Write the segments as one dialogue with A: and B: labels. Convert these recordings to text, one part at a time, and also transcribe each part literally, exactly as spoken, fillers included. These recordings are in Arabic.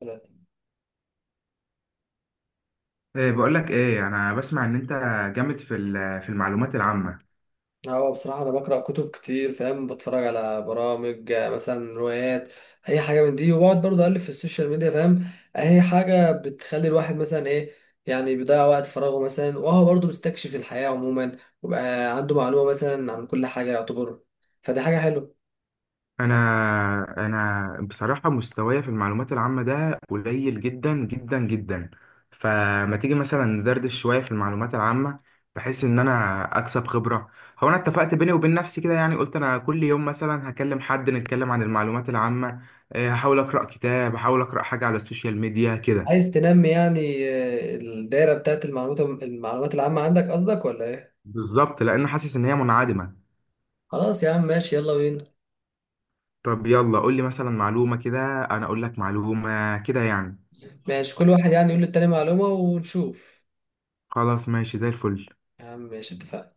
A: ثلاثة.
B: إيه، بقول لك ايه، انا بسمع ان انت جامد في ال- في المعلومات العامه.
A: هو بصراحة أنا بقرأ كتب كتير، فاهم؟ بتفرج على برامج، آه، مثلا روايات، أي حاجة من دي. وبقعد برضه أقلب في السوشيال ميديا، فاهم؟ أي حاجة بتخلي الواحد مثلا، إيه يعني، بيضيع وقت فراغه مثلا، وهو برضه بيستكشف الحياة عموما، وبقى عنده معلومة مثلا عن كل حاجة، يعتبر. فدي حاجة حلوة.
B: انا انا بصراحه مستواي في المعلومات العامه ده قليل جدا جدا جدا، فما تيجي مثلا ندردش شويه في المعلومات العامه بحيث ان انا اكسب خبره. هو انا اتفقت بيني وبين نفسي كده، يعني قلت انا كل يوم مثلا هكلم حد نتكلم عن المعلومات العامه. إيه، هحاول اقرا كتاب، هحاول اقرا حاجه على السوشيال ميديا كده.
A: عايز تنمي، يعني، آه، الدايرة بتاعت المعلومات المعلومات العامة عندك، قصدك، ولا إيه؟
B: بالظبط، لان حاسس ان هي منعدمه.
A: خلاص يا عم، ماشي، يلا بينا.
B: طب يلا قول لي مثلا معلومة كده. أنا أقول لك معلومة كده يعني.
A: ماشي، كل واحد يعني يقول للتاني معلومة ونشوف.
B: خلاص، ماشي زي الفل.
A: يا عم ماشي، اتفقنا.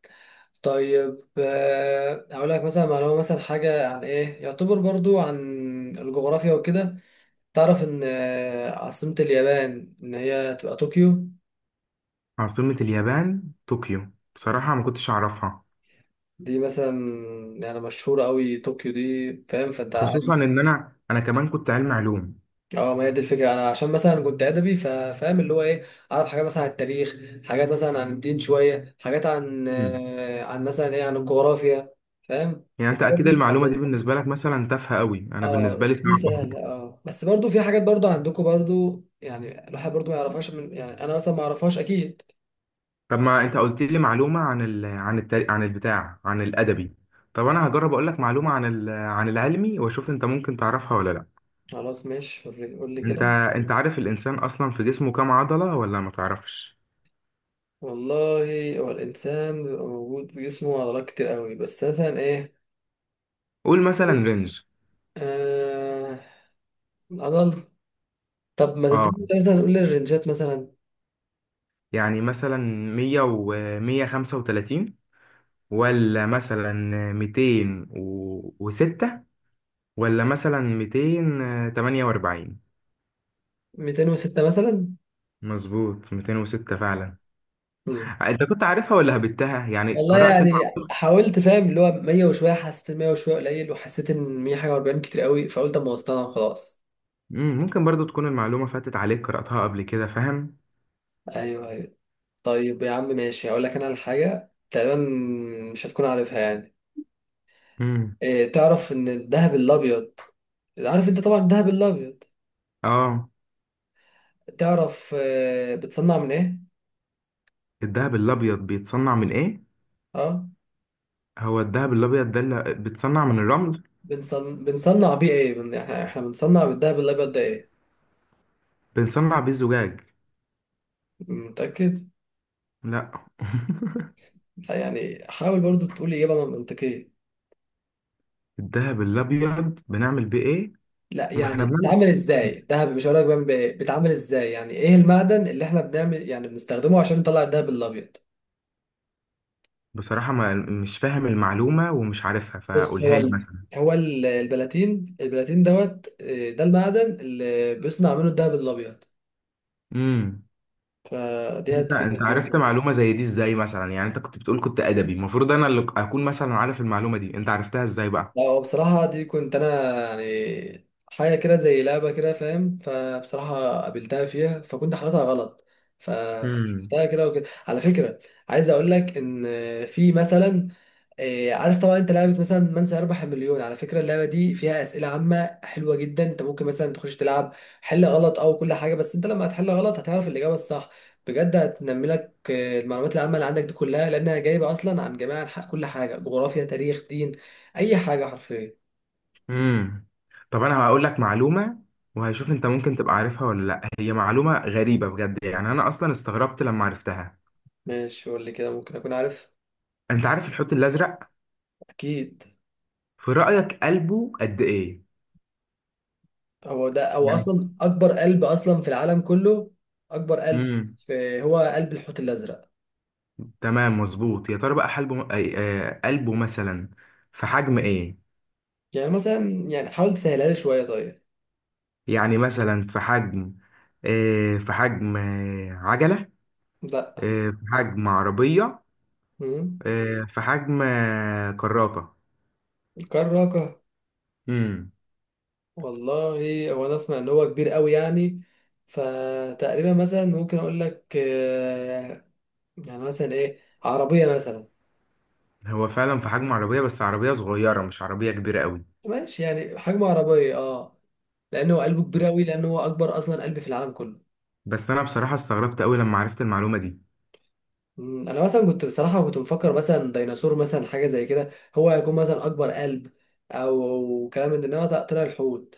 A: طيب، آه، هقول لك مثلا معلومة، مثلا حاجة عن ايه، يعتبر برضو عن الجغرافيا وكده. تعرف ان آه، عاصمة اليابان ان هي تبقى طوكيو.
B: عاصمة اليابان طوكيو، بصراحة ما كنتش أعرفها.
A: دي مثلا يعني مشهورة قوي، طوكيو دي، فاهم؟ فانت
B: خصوصا
A: عارف-
B: إن أنا أنا كمان كنت علم علوم.
A: اه ما هي دي الفكرة، انا عشان مثلا كنت ادبي، فا- فاهم اللي هو ايه، اعرف حاجات مثلا عن التاريخ، حاجات مثلا عن الدين، شوية حاجات عن
B: مم.
A: آه، عن مثلا ايه، عن الجغرافيا. فاهم؟
B: يعني
A: فدي
B: أنت أكيد
A: برضو.
B: المعلومة دي بالنسبة لك مثلا تافهة قوي، أنا بالنسبة
A: اه
B: لي
A: دي
B: صعبة.
A: سهلة، اه، بس برضو في حاجات برضو عندكم برضو، يعني الواحد برضو ما يعرفهاش، من يعني انا مثلا ما اعرفهاش اكيد.
B: طب ما أنت قلت لي معلومة عن ال... عن التاريخ، عن البتاع، عن الأدبي. طب أنا هجرب أقول لك معلومة عن ال... عن العلمي وأشوف أنت ممكن تعرفها ولا لأ.
A: خلاص ماشي، وري- قول لي
B: أنت
A: كده.
B: أنت عارف الإنسان أصلا في جسمه كام عضلة، ولا ما تعرفش؟
A: والله. هو الانسان بيبقى موجود في جسمه عضلات كتير قوي، بس مثلا ايه.
B: قول مثلا رينج.
A: آه، العضل. طب ما
B: اه،
A: تديني كده مثلا، قول لي الرنجات مثلا.
B: يعني مثلا مية ومية خمسة وتلاتين، ولا مثلا ميتين وستة، ولا مثلا ميتين تمانية وأربعين.
A: ميتين وستة مثلا.
B: مظبوط، ميتين وستة فعلا.
A: مم.
B: أنت كنت عارفها ولا هبتها؟ يعني
A: والله
B: قرأت
A: يعني،
B: المعلومة.
A: حاولت فاهم، اللي هو مية وشويه، حسيت مية وشويه قليل، وحسيت ان مية حاجه و40 كتير قوي، فقلت اما اوصلها خلاص.
B: مم، ممكن برضو تكون المعلومة فاتت عليك قرأتها قبل كده، فاهم.
A: ايوه ايوه. طيب يا عم ماشي، هقول لك انا على حاجه تقريبا مش هتكون عارفها يعني.
B: مم.
A: إيه، تعرف ان الذهب الابيض، عارف انت طبعا الذهب الابيض،
B: اه.
A: تعرف آه، بتصنع من ايه؟
B: الذهب الأبيض بيتصنع من إيه؟
A: اه.
B: هو الذهب الأبيض ده اللي بيتصنع من الرمل.
A: بنصن... بنصنع بيه ايه، بن... احنا احنا بنصنع بالذهب الابيض ده ايه؟
B: بنصنع بيه الزجاج.
A: متاكد؟
B: لا.
A: لا، يعني حاول برضو تقول اجابه منطقيه.
B: الذهب الأبيض بنعمل بيه إيه؟
A: لا
B: ما احنا
A: يعني
B: بنعمل.
A: بيتعمل ازاي الذهب، مش هقول لك بيعمل بإيه، بيتعمل ازاي، يعني ايه المعدن اللي احنا بنعمل يعني بنستخدمه عشان نطلع الذهب الابيض.
B: بصراحة ما مش فاهم المعلومة ومش عارفها،
A: بص هو
B: فقولها لي
A: ال...
B: مثلا.
A: هو ال- البلاتين، البلاتين دوت آه، ده المعدن اللي بيصنع منه الدهب الابيض.
B: امم.
A: فدي
B: انت انت
A: هتفيدك برضه
B: عرفت
A: يعني.
B: معلومة زي دي ازاي مثلا؟ يعني انت كنت بتقول كنت ادبي، المفروض انا اللي اكون مثلا عارف المعلومة دي، انت عرفتها ازاي بقى؟
A: لا هو بصراحه دي كنت انا يعني حاجه كده زي لعبه كده، فاهم؟ فبصراحه قابلتها فيها، فكنت حالتها غلط،
B: امم.
A: فشفتها كده وكده على فكره. عايز اقول لك ان في مثلا إيه، عارف طبعا انت لعبة مثلا من سيربح المليون، على فكرة اللعبة دي فيها أسئلة عامة حلوة جدا، انت ممكن مثلا تخش تلعب، حل غلط او كل حاجة، بس انت لما هتحل غلط هتعرف الإجابة الصح، بجد هتنمي لك آه، المعلومات العامة اللي عندك دي كلها، لأنها جايبة أصلا عن جميع أنحاء كل حاجة، جغرافيا تاريخ دين، أي حاجة حرفيا.
B: امم. طب انا هقول لك معلومة وهشوف انت ممكن تبقى عارفها ولا لا. هي معلومة غريبة بجد، يعني انا اصلا استغربت لما عرفتها.
A: ماشي قول لي كده، ممكن أكون عارف.
B: انت عارف الحوت الازرق؟
A: أكيد.
B: في رأيك قلبه قد ايه؟
A: هو ده أو أصلا أكبر قلب أصلا في العالم كله، أكبر قلب
B: يعني.
A: في، هو قلب الحوت الأزرق.
B: تمام مظبوط. يا ترى بقى حلبه أي- آه، قلبه مثلا في حجم ايه؟
A: يعني مثلا يعني حاول تسهلها لي شوية طيب.
B: يعني مثلا في حجم آه، في حجم آه، عجلة.
A: لا.
B: آه، في حجم عربية.
A: مم.
B: آه، في حجم آه، كراكة.
A: كراكة.
B: امم.
A: والله هو انا اسمع ان هو كبير قوي يعني، فتقريبا مثلا ممكن اقول لك آه، يعني مثلا ايه، عربية مثلا.
B: هو فعلا في حجم عربية، بس عربية صغيرة مش عربية كبيرة قوي.
A: ماشي، يعني حجم عربية، اه، لانه قلبه كبير قوي، لانه هو اكبر اصلا قلب في العالم كله.
B: بس انا بصراحة استغربت قوي لما عرفت المعلومة دي.
A: مم. انا مثلا كنت بصراحة كنت مفكر مثلا ديناصور، مثلا حاجة زي كده، هو هيكون مثلا اكبر قلب، او كلام من ده، انما طلع طلع الحوت.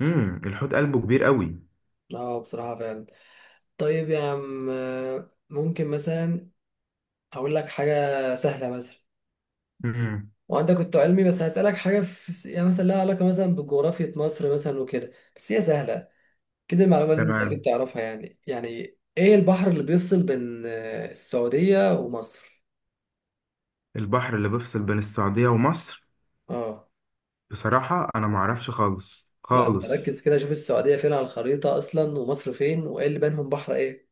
B: امم الحوت قلبه كبير قوي.
A: اه بصراحة فعلا. طيب يا عم، آه، ممكن مثلا اقول لك حاجة سهلة مثلا،
B: امم
A: وانت كنت علمي، بس هسألك حاجة في يعني مثلا لها علاقة مثلا بجغرافية مصر مثلا وكده، بس هي سهلة كده، المعلومة اللي انت اكيد
B: تمام.
A: تعرفها يعني يعني. ايه البحر اللي بيفصل بين آه، السعودية ومصر؟
B: البحر اللي بيفصل بين السعودية ومصر؟
A: اه.
B: بصراحة انا معرفش خالص
A: لا
B: خالص.
A: ركز كده، شوف السعودية فين على الخريطة اصلا، ومصر فين، وايه اللي بينهم، بحر ايه؟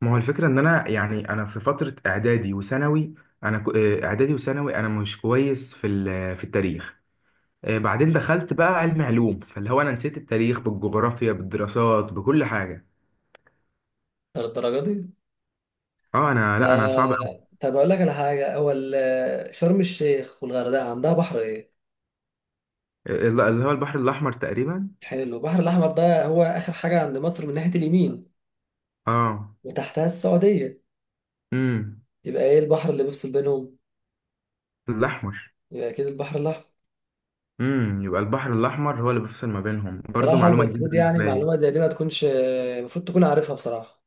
B: ما هو الفكرة إن أنا، يعني أنا في فترة إعدادي وثانوي، أنا كو- آه، إعدادي وثانوي، أنا مش كويس في ال- في التاريخ. آه، بعدين دخلت بقى علم علوم، فاللي هو أنا نسيت التاريخ بالجغرافيا بالدراسات بكل حاجة.
A: ده الدرجة دي؟
B: أه، أنا لأ، أنا صعب أوي.
A: آه، طب اقول لك على حاجة، هو ال- شرم الشيخ والغردقة عندها بحر ايه؟
B: آه، الل- اللي هو البحر الأحمر تقريبا.
A: حلو، البحر الاحمر ده هو اخر حاجة عند مصر من ناحية اليمين،
B: أه.
A: وتحتها السعودية،
B: امم.
A: يبقى ايه البحر اللي بيفصل بينهم؟
B: الأحمر.
A: يبقى اكيد البحر الاحمر.
B: امم يبقى البحر الأحمر هو اللي بيفصل ما بينهم، برضه
A: بصراحه
B: معلومة جديدة
A: المفروض يعني
B: بالنسبة لي.
A: معلومه زي دي ما تكونش، المفروض تكون عارفها بصراحه.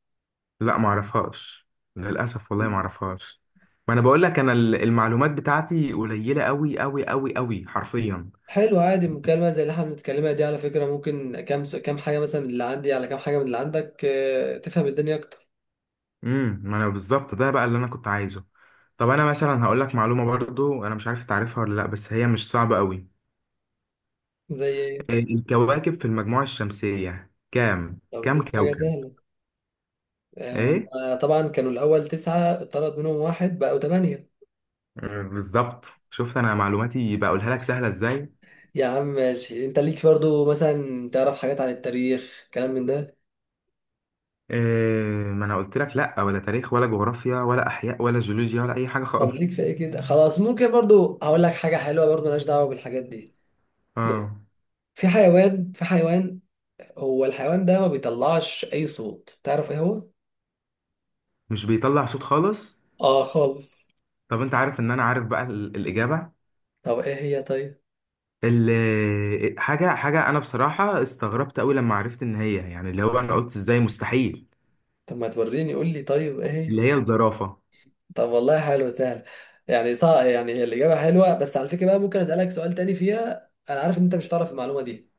B: لا، معرفهاش. للأسف والله
A: مم.
B: معرفهاش. ما أنا بقول لك، أنا ال- المعلومات بتاعتي قليلة أوي أوي أوي أوي حرفيا.
A: حلو، عادي، مكالمه زي اللي احنا بنتكلمها دي، على فكره، ممكن كام س- كام حاجه مثلا من اللي عندي، على كام حاجه من اللي عندك، آه، تفهم الدنيا اكتر.
B: امم ما أنا بالظبط ده بقى اللي أنا كنت عايزه. طب أنا مثلا هقول لك معلومة برضو، أنا مش عارف تعرفها ولا لأ، بس هي مش صعبة أوي.
A: زي ايه؟
B: الكواكب في المجموعة الشمسية كام
A: طب
B: كام
A: دي حاجه
B: كوكب؟
A: سهله، آه،
B: إيه.
A: هما طبعا كانوا الاول تسعه، اتطرد منهم واحد بقوا ثمانيه.
B: آه، بالظبط، شفت أنا معلوماتي بقولها لك سهلة إزاي.
A: يا عم ماشي، انت ليك برضو مثلا تعرف حاجات عن التاريخ كلام من ده.
B: إيه. ما أنا قلت لك لأ، ولا تاريخ ولا جغرافيا ولا أحياء ولا جيولوجيا ولا أي حاجة
A: طب ليك في
B: خالص.
A: ايه كده، خلاص ممكن برضو هقول لك حاجه حلوه برضو ملهاش دعوه بالحاجات دي. ب-
B: اه،
A: في حيوان في حيوان، هو الحيوان ده ما بيطلعش اي صوت، تعرف ايه هو؟
B: مش بيطلع صوت خالص.
A: اه خالص.
B: طب انت عارف ان انا عارف بقى ال- الاجابه.
A: طب ايه هي طيب؟
B: ال- حاجه حاجه انا بصراحه استغربت قوي لما عرفت ان هي، يعني اللي هو انا قلت ازاي، مستحيل.
A: طب ما توريني، قول لي طيب ايه هي.
B: اللي هي الزرافه.
A: طب والله، حلو، سهل. يعني صح، يعني هي الاجابه حلوه، بس على فكره بقى ممكن اسالك سؤال تاني فيها، انا عارف ان انت مش هتعرف المعلومه دي.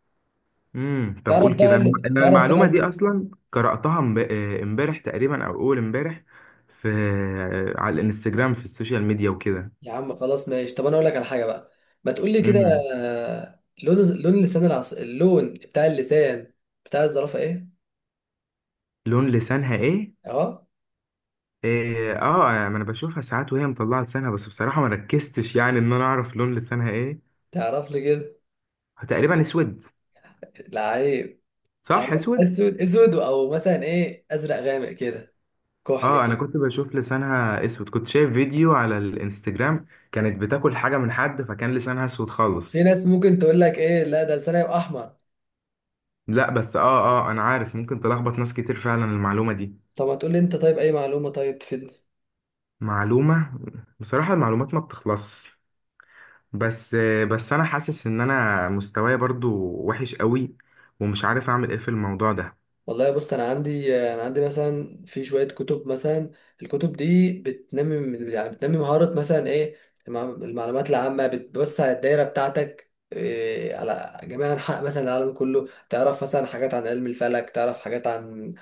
B: امم طب
A: تعرف
B: قول
A: بقى
B: كده، انا
A: ال-
B: أنا
A: تعرف
B: المعلومه
A: بقى،
B: دي اصلا قراتها امب- آه، امبارح تقريبا او اول امبارح. في آه، على الانستجرام، في السوشيال ميديا وكده.
A: يا عم خلاص ماشي، طب انا اقول لك على حاجه بقى. ما تقول لي كده.
B: امم
A: آه، لون لون لسان العص... اللون بتاع اللسان بتاع الزرافه ايه؟
B: لون لسانها ايه؟
A: اهو.
B: إيه، اه، ما انا بشوفها ساعات وهي مطلعه لسانها، بس بصراحه ما ركزتش يعني ان انا اعرف لون لسانها ايه.
A: تعرف لي كده.
B: تقريبا اسود.
A: لعيب.
B: صح،
A: أو
B: اسود.
A: اسود اسود، او مثلا ايه، ازرق غامق كده، كحل
B: اه، انا
A: كده.
B: كنت بشوف لسانها اسود، كنت شايف فيديو على الانستجرام، كانت بتاكل حاجه من حد فكان لسانها اسود
A: في
B: خالص.
A: ناس ممكن تقول لك ايه، لا ده لسانها يبقى احمر.
B: لا، بس اه. اه، انا عارف ممكن تلخبط ناس كتير فعلا المعلومه دي.
A: طب ما تقول لي انت طيب اي معلومه طيب تفيدني.
B: معلومه. بصراحه المعلومات ما بتخلصش. بس. بس انا حاسس ان انا مستواي برضو وحش قوي، ومش عارف اعمل ايه في الموضوع ده.
A: والله بص، انا عندي انا عندي مثلا في شويه كتب مثلا. الكتب دي بتنمي من- يعني بتنمي مهاره مثلا ايه؟ المع- المعلومات العامه بتوسع الدايره بتاعتك، إيه، على جميع انحاء مثلا العالم كله، تعرف مثلا حاجات عن علم الفلك، تعرف حاجات عن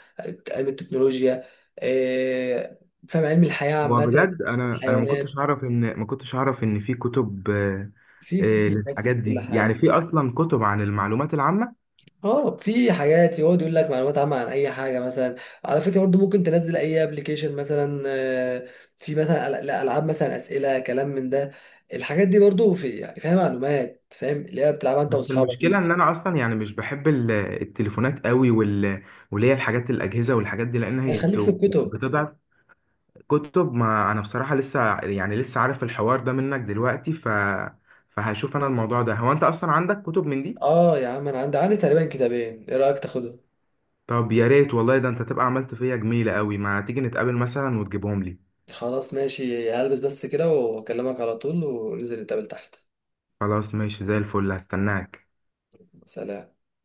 A: علم التكنولوجيا، إيه، فاهم، علم الحياه عامه،
B: وبجد انا انا ما كنتش
A: الحيوانات،
B: اعرف ان، ما كنتش اعرف ان في كتب آه،
A: في
B: آه،
A: كتب بس في
B: للحاجات
A: كل
B: دي، يعني
A: حاجه.
B: في اصلا كتب عن المعلومات العامه.
A: اه في حاجات يقعد يقول لك معلومات عامة عن أي حاجة مثلا. على فكرة برضو ممكن تنزل أي ابلكيشن مثلا، آه، في مثلا أل- لا، ألعاب مثلا أسئلة كلام من ده، الحاجات دي برضو في يعني فيها معلومات، فاهم اللي هي بتلعبها أنت
B: بس
A: وأصحابك
B: المشكلة
A: دي.
B: ان انا اصلا يعني مش بحب ال- التليفونات قوي، وال... واللي هي الحاجات الاجهزة والحاجات دي لان
A: يعني
B: هي
A: خليك في
B: بت-
A: الكتب.
B: بتضعف كتب، ما انا بصراحة لسه يعني لسه عارف الحوار ده منك دلوقتي ف... فهشوف انا الموضوع ده. هو انت اصلا عندك كتب من دي؟
A: اه يا عم، أنا عندي، عندي تقريبا كتابين. إيه رأيك تاخدهم؟
B: طب يا ريت والله، ده انت تبقى عملت فيا جميلة قوي. ما تيجي نتقابل مثلا وتجيبهم لي.
A: خلاص ماشي، هلبس بس كده وأكلمك على طول، وننزل نتقابل تحت.
B: خلاص، ماشي زي الفل، هستناك.
A: سلام.